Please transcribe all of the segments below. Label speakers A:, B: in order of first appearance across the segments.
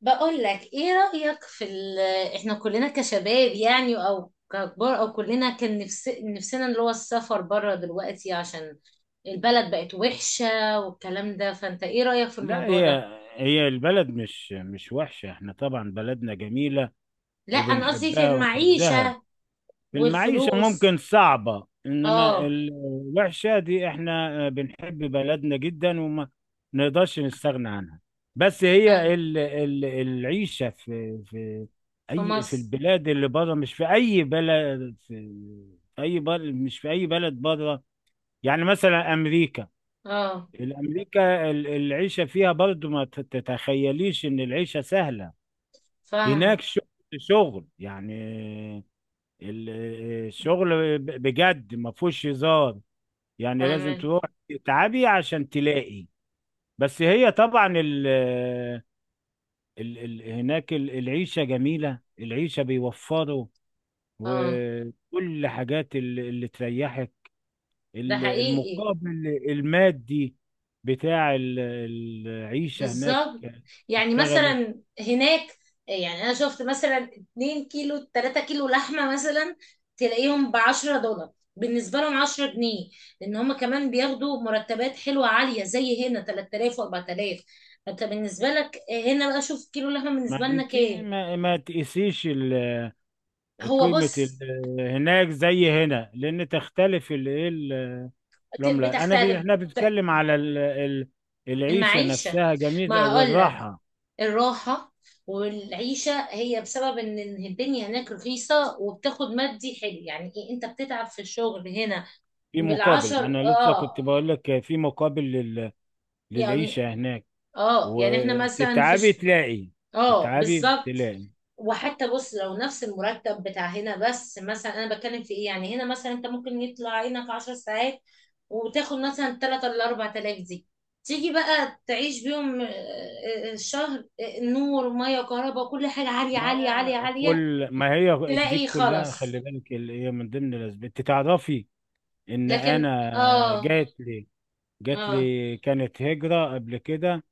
A: بقول لك ايه رأيك في ال... احنا كلنا كشباب، يعني او ككبار، او كلنا كان نفسنا اللي هو السفر بره دلوقتي عشان البلد بقت وحشة والكلام ده. فانت ايه رأيك في
B: لا
A: الموضوع ده؟
B: هي هي البلد مش وحشة، احنا طبعا بلدنا جميلة
A: لا انا قصدي في
B: وبنحبها ونعزها.
A: المعيشة
B: المعيشة
A: والفلوس.
B: ممكن صعبة، انما
A: اه.
B: الوحشة دي احنا بنحب بلدنا جدا وما نقدرش نستغنى عنها. بس
A: أنا
B: هي ال العيشة في
A: في
B: اي في
A: مصر.
B: البلاد اللي بره، مش في اي بلد، في اي بلد، مش في اي بلد بره. يعني مثلا امريكا،
A: اه.
B: الأمريكا العيشة فيها برضو ما تتخيليش إن العيشة سهلة. هناك
A: فاهمة.
B: شغل، شغل، يعني ال- الشغل بجد ما فيهوش هزار. يعني لازم
A: فاهمة.
B: تروح تتعبي عشان تلاقي. بس هي طبعا ال هناك العيشة جميلة، العيشة بيوفروا
A: اه.
B: وكل حاجات اللي تريحك.
A: ده حقيقي.
B: المقابل المادي بتاع العيشة هناك
A: بالظبط. يعني
B: تشتغلي.
A: مثلا هناك، يعني انا شفت مثلا 2 كيلو 3 كيلو لحمه مثلا تلاقيهم ب $10، بالنسبه لهم 10 جنيه، لان هم كمان بياخدوا مرتبات حلوه عاليه زي هنا 3000 و4000. فانت بالنسبه لك هنا بقى شوف كيلو لحمه بالنسبه
B: ما
A: لنا
B: انت
A: كام؟
B: ما تقيسيش
A: هو
B: قيمة
A: بص
B: هناك زي هنا، لأن تختلف العملة. أنا
A: بتختلف
B: احنا بنتكلم على العيشة
A: المعيشه.
B: نفسها جميلة
A: ما هقول
B: والراحة
A: الراحة والعيشة هي بسبب ان إن الدنيا هناك رخيصة وبتاخد مادي حلو. يعني ايه، انت بتتعب في الشغل هنا
B: في مقابل.
A: بالعشر.
B: ما أنا لسه
A: اه.
B: كنت بقول لك في مقابل
A: يعني،
B: للعيشة هناك.
A: اه يعني احنا مثلا في
B: وتتعبي تلاقي،
A: اه
B: تتعبي
A: بالظبط.
B: تلاقي.
A: وحتى بص، لو نفس المرتب بتاع هنا، بس مثلا انا بتكلم في ايه يعني، هنا مثلا انت ممكن يطلع عينك 10 ساعات، وتاخد مثلا 3 ولا 4 آلاف دي، تيجي بقى تعيش بيهم. الشهر، نور ومية وكهرباء وكل حاجة عالية
B: ما
A: عالية عالية
B: هي
A: عالية.
B: كل، ما هي دي
A: تلاقي
B: كلها،
A: خلاص.
B: خلي بالك اللي هي من ضمن الاسباب. انت تعرفي ان
A: لكن
B: انا
A: اه.
B: جات لي، جات
A: اه.
B: لي كانت هجرة قبل كده.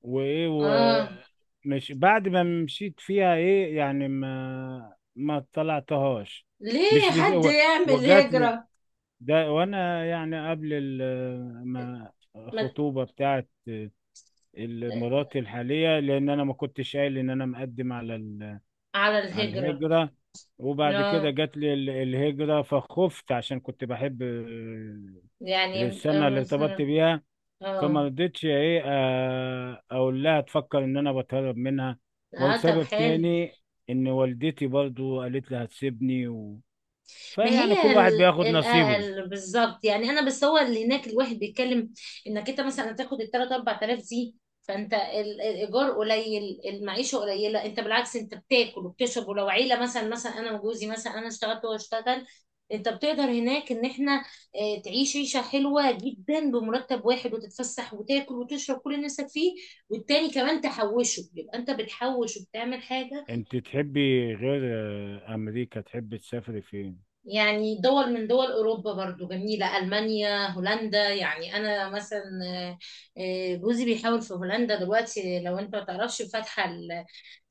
B: وايه
A: اه
B: ومش بعد ما مشيت فيها ايه يعني ما طلعتهاش.
A: ليه
B: مش لس...
A: حد
B: و-
A: يعمل
B: وجات لي
A: هجرة.
B: ده وانا يعني قبل ما
A: ما-
B: الخطوبة بتاعت مراتي الحالية، لان انا ما كنتش قايل ان انا مقدم على
A: على
B: على
A: الهجرة.
B: الهجرة. وبعد كده
A: لا
B: جات لي الهجرة فخفت، عشان كنت بحب
A: يعني
B: السنة اللي ارتبطت
A: مثلا.
B: بيها. فما
A: اه.
B: رضيتش ايه اقول لها تفكر ان انا بتهرب منها.
A: اه طب
B: وسبب
A: حلو.
B: تاني ان والدتي برضو قالت لي هتسيبني و...
A: ما
B: فيعني
A: هي
B: كل واحد بياخد نصيبه.
A: بالظبط. يعني انا بس، هو اللي هناك الواحد بيتكلم انك انت مثلا هتاخد ال 3 4000 دي، فانت الايجار قليل، المعيشه قليله، انت بالعكس انت بتاكل وبتشرب. ولو عيله مثلا، انا وجوزي مثلا، انا اشتغلت وهو اشتغل، انت بتقدر هناك ان احنا تعيش عيشه حلوه جدا بمرتب واحد، وتتفسح وتاكل وتشرب كل اللي نفسك فيه. والتاني كمان تحوشه، يبقى انت بتحوش وبتعمل حاجه.
B: انت تحبي غير امريكا تحبي تسافري فين؟
A: يعني دول من دول أوروبا برضو جميلة، ألمانيا، هولندا. يعني أنا مثلا جوزي بيحاول في هولندا دلوقتي. لو أنت ما تعرفش، فاتحة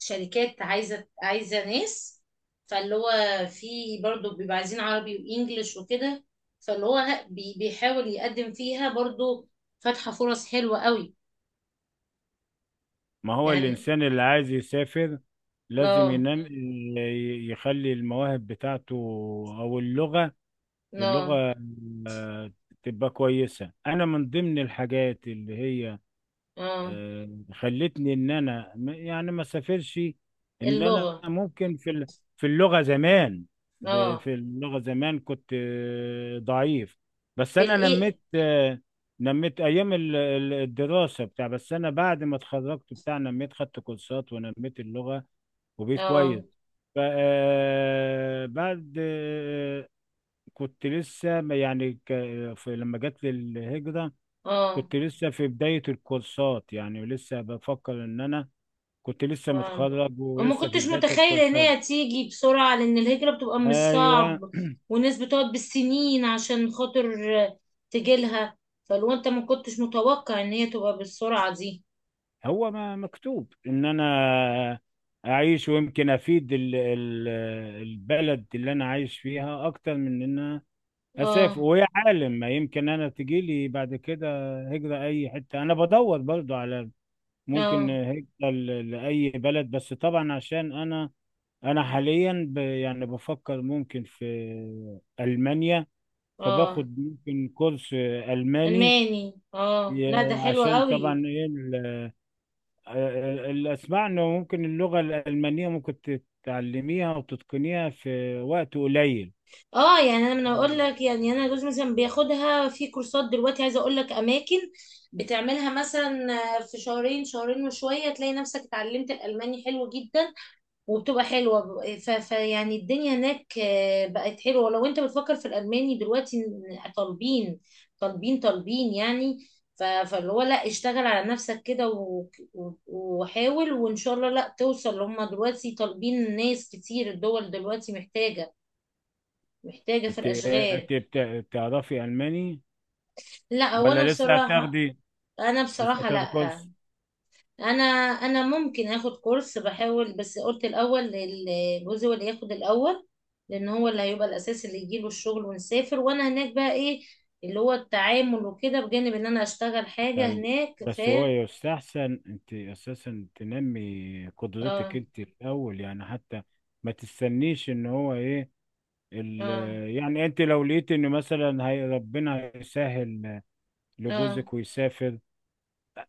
A: الشركات عايزة ناس. فاللي هو في، برضو بيبقى عايزين عربي وإنجليش وكده. فاللي هو لا، بيحاول يقدم فيها برضو. فاتحة فرص حلوة قوي.
B: ما هو
A: يعني.
B: الإنسان اللي عايز يسافر لازم
A: اه.
B: ينام يخلي المواهب بتاعته أو اللغة،
A: اه.
B: اللغة آه، تبقى كويسة. أنا من ضمن الحاجات اللي هي
A: اه.
B: خلتني ان انا يعني ما سافرش، ان انا
A: اللغة.
B: ممكن في في اللغه زمان. ده
A: اه.
B: في اللغه زمان كنت ضعيف، بس
A: في
B: انا
A: الإيه.
B: نميت، نميت ايام الدراسه بتاع. بس انا بعد ما اتخرجت بتاع نميت، خدت كورسات ونميت اللغه وبقيت
A: اه.
B: كويس. بعد كنت لسه يعني في لما جت لي الهجره
A: اه.
B: كنت لسه في بداية الكورسات، يعني لسه بفكر ان انا كنت لسه
A: فاهمة.
B: متخرج
A: وما
B: ولسه في
A: كنتش
B: بداية
A: متخيلة ان
B: الكورسات.
A: هي تيجي بسرعة، لان الهجرة بتبقى مش
B: ايوه،
A: صعب، والناس بتقعد بالسنين عشان خاطر تجيلها. فلو انت ما كنتش متوقع ان هي تبقى بالسرعة دي.
B: هو ما مكتوب ان انا اعيش ويمكن افيد البلد اللي انا عايش فيها اكتر من ان انا اسافر.
A: اه.
B: ويا عالم ما يمكن انا تجيلي بعد كده هجرة اي حتة. انا بدور برضو على ممكن
A: اه.
B: هجرة لأي بلد. بس طبعا عشان انا انا حاليا ب... يعني بفكر ممكن في المانيا،
A: اه
B: فباخد ممكن كورس الماني.
A: الماني. اه
B: ي-
A: لا ده حلو
B: عشان
A: قوي.
B: طبعا ايه اللي اسمع انه ممكن اللغه الالمانيه ممكن تتعلميها وتتقنيها في وقت قليل.
A: اه يعني انا من اقول لك، يعني انا جوزي مثلا بياخدها في كورسات دلوقتي. عايزه اقول لك اماكن بتعملها مثلا في شهرين، شهرين وشويه تلاقي نفسك اتعلمت الالماني حلو جدا. وبتبقى حلوة فيعني الدنيا هناك بقت حلوة. لو انت بتفكر في الألماني دلوقتي، إن طالبين طالبين طالبين يعني. فاللي هو لا، اشتغل على نفسك كده و... وحاول وإن شاء الله لا توصل. هم دلوقتي طالبين ناس كتير. الدول دلوقتي محتاجة في
B: انت،
A: الأشغال.
B: انت بتعرفي الماني
A: لا هو أنا
B: ولا لسه
A: بصراحة.
B: هتاخدي،
A: أنا
B: لسه
A: بصراحة
B: هتاخدي
A: لا.
B: كورس؟
A: انا انا ممكن اخد كورس، بحاول. بس قلت الاول جوزي هو اللي ياخد الاول، لان هو اللي هيبقى الاساس اللي يجيله الشغل ونسافر. وانا هناك بقى ايه اللي هو التعامل وكده، بجانب ان انا اشتغل حاجة
B: تتعالج.
A: هناك. ف
B: بس هو يستحسن انت اساسا تنمي قدرتك
A: اه.
B: انت الاول، يعني حتى ما تستنيش ان هو ايه ال.
A: اه.
B: يعني انت لو لقيت ان مثلا هي ربنا يسهل
A: اه.
B: لجوزك ويسافر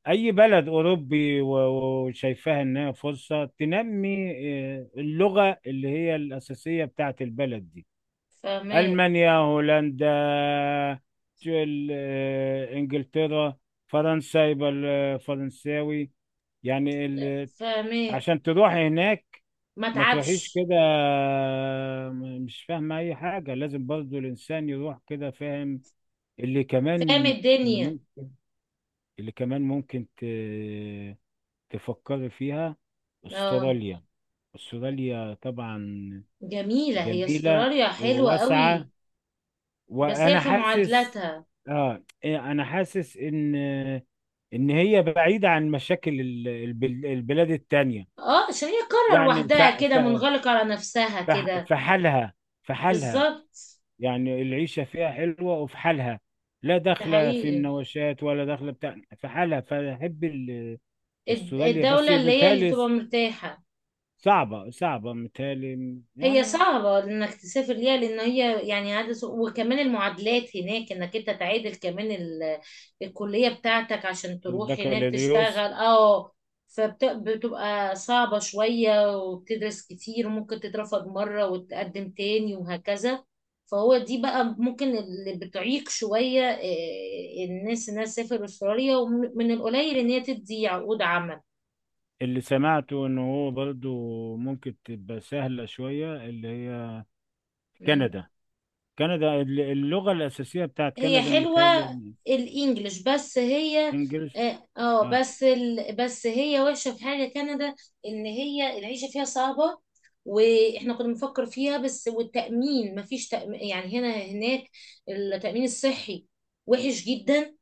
B: اي بلد اوروبي، وشايفاها انها فرصة، تنمي اه، اللغة اللي هي الاساسية بتاعت البلد دي.
A: فاهمة.
B: ألمانيا، هولندا، إنجلترا، فرنسا يبقى الفرنساوي. يعني ال...
A: فاهمة.
B: عشان تروح هناك
A: ما
B: ما تروحيش
A: تعبش.
B: كده مش فاهمة أي حاجة. لازم برضو الإنسان يروح كده فاهم. اللي
A: فاهم
B: كمان، اللي
A: الدنيا.
B: ممكن، اللي كمان ممكن ت... تفكري فيها
A: اه.
B: أستراليا. أستراليا طبعا
A: جميلة هي
B: جميلة
A: استراليا، حلوة
B: وواسعة،
A: قوي. بس هي
B: وانا
A: في
B: حاسس،
A: معادلاتها.
B: اه انا حاسس ان ان هي بعيدة عن مشاكل البلاد التانية.
A: اه عشان هي قارة
B: يعني
A: لوحدها كده، منغلقة على نفسها
B: ف...
A: كده.
B: في حالها، في حالها.
A: بالظبط.
B: يعني العيشة فيها حلوة وفي حالها، لا
A: ده
B: داخلة في
A: حقيقي.
B: مناوشات ولا داخلة بتاع، في حالها. فأحب استراليا، بس
A: الدولة اللي هي اللي
B: متهيألي
A: تبقى مرتاحة.
B: صعبة، صعبة متهيألي
A: هي
B: يعني.
A: صعبة انك تسافر ليها، لان هي يعني عدد، وكمان المعادلات هناك انك انت تعادل كمان الكلية بتاعتك عشان تروح هناك
B: البكالوريوس.
A: تشتغل. اه. فبتبقى صعبة شوية، وبتدرس كتير، وممكن تترفض مرة وتقدم تاني وهكذا. فهو دي بقى ممكن اللي بتعيق شوية إيه، الناس انها تسافر استراليا. ومن القليل ان هي تدي عقود عمل.
B: اللي سمعته إن هو برضو ممكن تبقى سهلة شوية اللي هي
A: مم.
B: كندا. كندا اللغة الأساسية بتاعت
A: هي
B: كندا
A: حلوة،
B: متهيألي
A: الانجليش، بس هي
B: الإنجليش.
A: اه
B: آه.
A: بس بس هي وحشة في حاجة، كندا، ان هي العيشة فيها صعبة. واحنا كنا بنفكر فيها، بس والتأمين مفيش تأمين يعني هنا هناك. التأمين الصحي وحش جدا،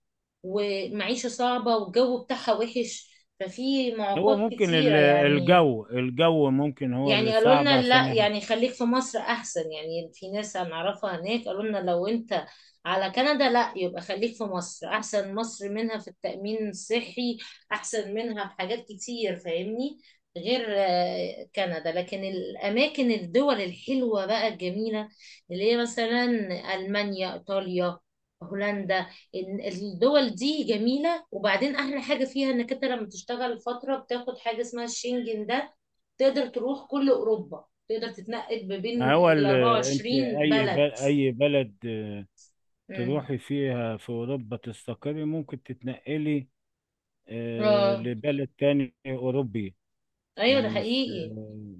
A: ومعيشة صعبة، والجو بتاعها وحش. ففي
B: هو
A: معوقات
B: ممكن
A: كتيرة يعني.
B: الجو، الجو ممكن هو
A: يعني
B: اللي
A: قالوا
B: صعب
A: لنا
B: عشان
A: لا،
B: احنا.
A: يعني خليك في مصر احسن. يعني في ناس هنعرفها هناك قالوا لنا لو انت على كندا، لا يبقى خليك في مصر احسن. مصر منها في التأمين الصحي احسن منها في حاجات كتير، فاهمني، غير كندا. لكن الاماكن، الدول الحلوة بقى الجميلة، اللي هي مثلا المانيا، ايطاليا، هولندا، إن الدول دي جميلة. وبعدين احلى حاجة فيها انك انت لما تشتغل فترة بتاخد حاجة اسمها الشنجن ده، تقدر تروح كل اوروبا، تقدر تتنقل ما بين
B: ما هو
A: ال
B: انت
A: 24
B: اي
A: بلد.
B: اي بلد
A: امم.
B: تروحي فيها في اوروبا تستقري ممكن تتنقلي
A: اه
B: لبلد تاني اوروبي.
A: ايوه ده
B: يعني مش
A: حقيقي.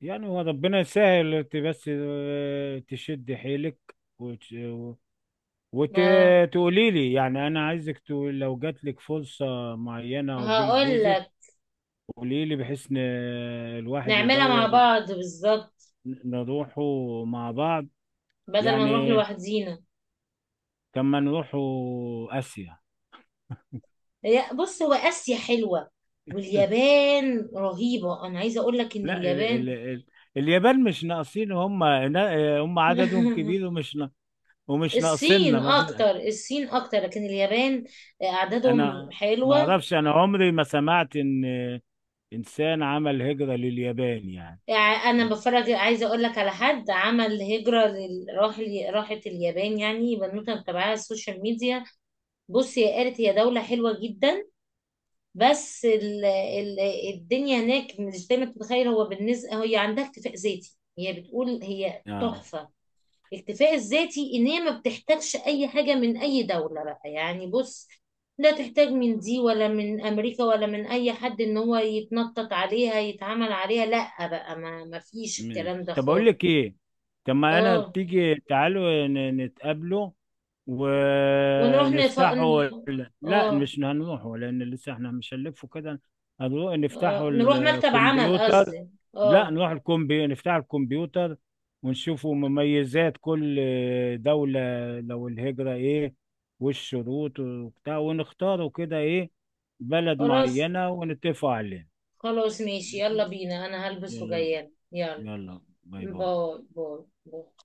B: يعني هو ربنا يسهل. انت بس تشدي حيلك
A: اه
B: وتقولي لي، يعني انا عايزك تقول لو جات لك فرصه معينه وجيل
A: هقول
B: جوزك
A: لك.
B: قولي لي، بحيث ان الواحد
A: نعملها مع
B: يدور
A: بعض، بالظبط،
B: نروحوا مع بعض.
A: بدل ما نروح
B: يعني
A: لوحدينا.
B: كما نروحوا اسيا.
A: هي- بص هو اسيا حلوه، واليابان رهيبه. انا عايزه اقول لك ان
B: لا ال ال
A: اليابان
B: ال اليابان مش ناقصين، هم عددهم كبير ومش
A: الصين
B: ناقصيننا ما في.
A: اكتر، الصين اكتر، لكن اليابان اعدادهم
B: انا ما
A: حلوه.
B: اعرفش، انا عمري ما سمعت ان انسان عمل هجرة لليابان يعني.
A: يعني انا بتفرج، عايزه اقول لك على حد عمل هجره راحت اليابان. يعني بنوته متابعاها على السوشيال ميديا. بصي هي قالت هي دوله حلوه جدا. بس الدنيا هناك مش زي ما تتخيل. هو بالنسبه هي عندها اكتفاء ذاتي. هي بتقول هي
B: اه
A: تحفه الاكتفاء الذاتي، ان هي ما بتحتاجش اي حاجه من اي دوله بقى. يعني بص لا تحتاج من دي ولا من امريكا ولا من اي حد ان هو يتنطط عليها يتعامل عليها. لا بقى، ما فيش
B: ماشي،
A: الكلام ده
B: طب اقول
A: خالص.
B: لك ايه، طب ما انا
A: اه.
B: تيجي تعالوا نتقابلوا
A: ونروح
B: ونفتحوا ال-. لا
A: اه.
B: مش هنروحوا، لان لسه احنا مش هنلفوا كده. هنروح
A: اه
B: نفتحوا
A: نروح مكتب عمل
B: الكمبيوتر.
A: قصدي.
B: لا
A: اه.
B: نروح الكمبي، نفتح الكمبيوتر ونشوفوا مميزات كل دولة، لو الهجرة ايه والشروط وبتاع، ونختاروا كده ايه بلد
A: خلاص.
B: معينة ونتفق عليها.
A: خلاص ماشي، يلا بينا، انا هلبس
B: يلا بينا.
A: وجايه. يلا
B: يلا، باي باي.
A: باي باي. باي.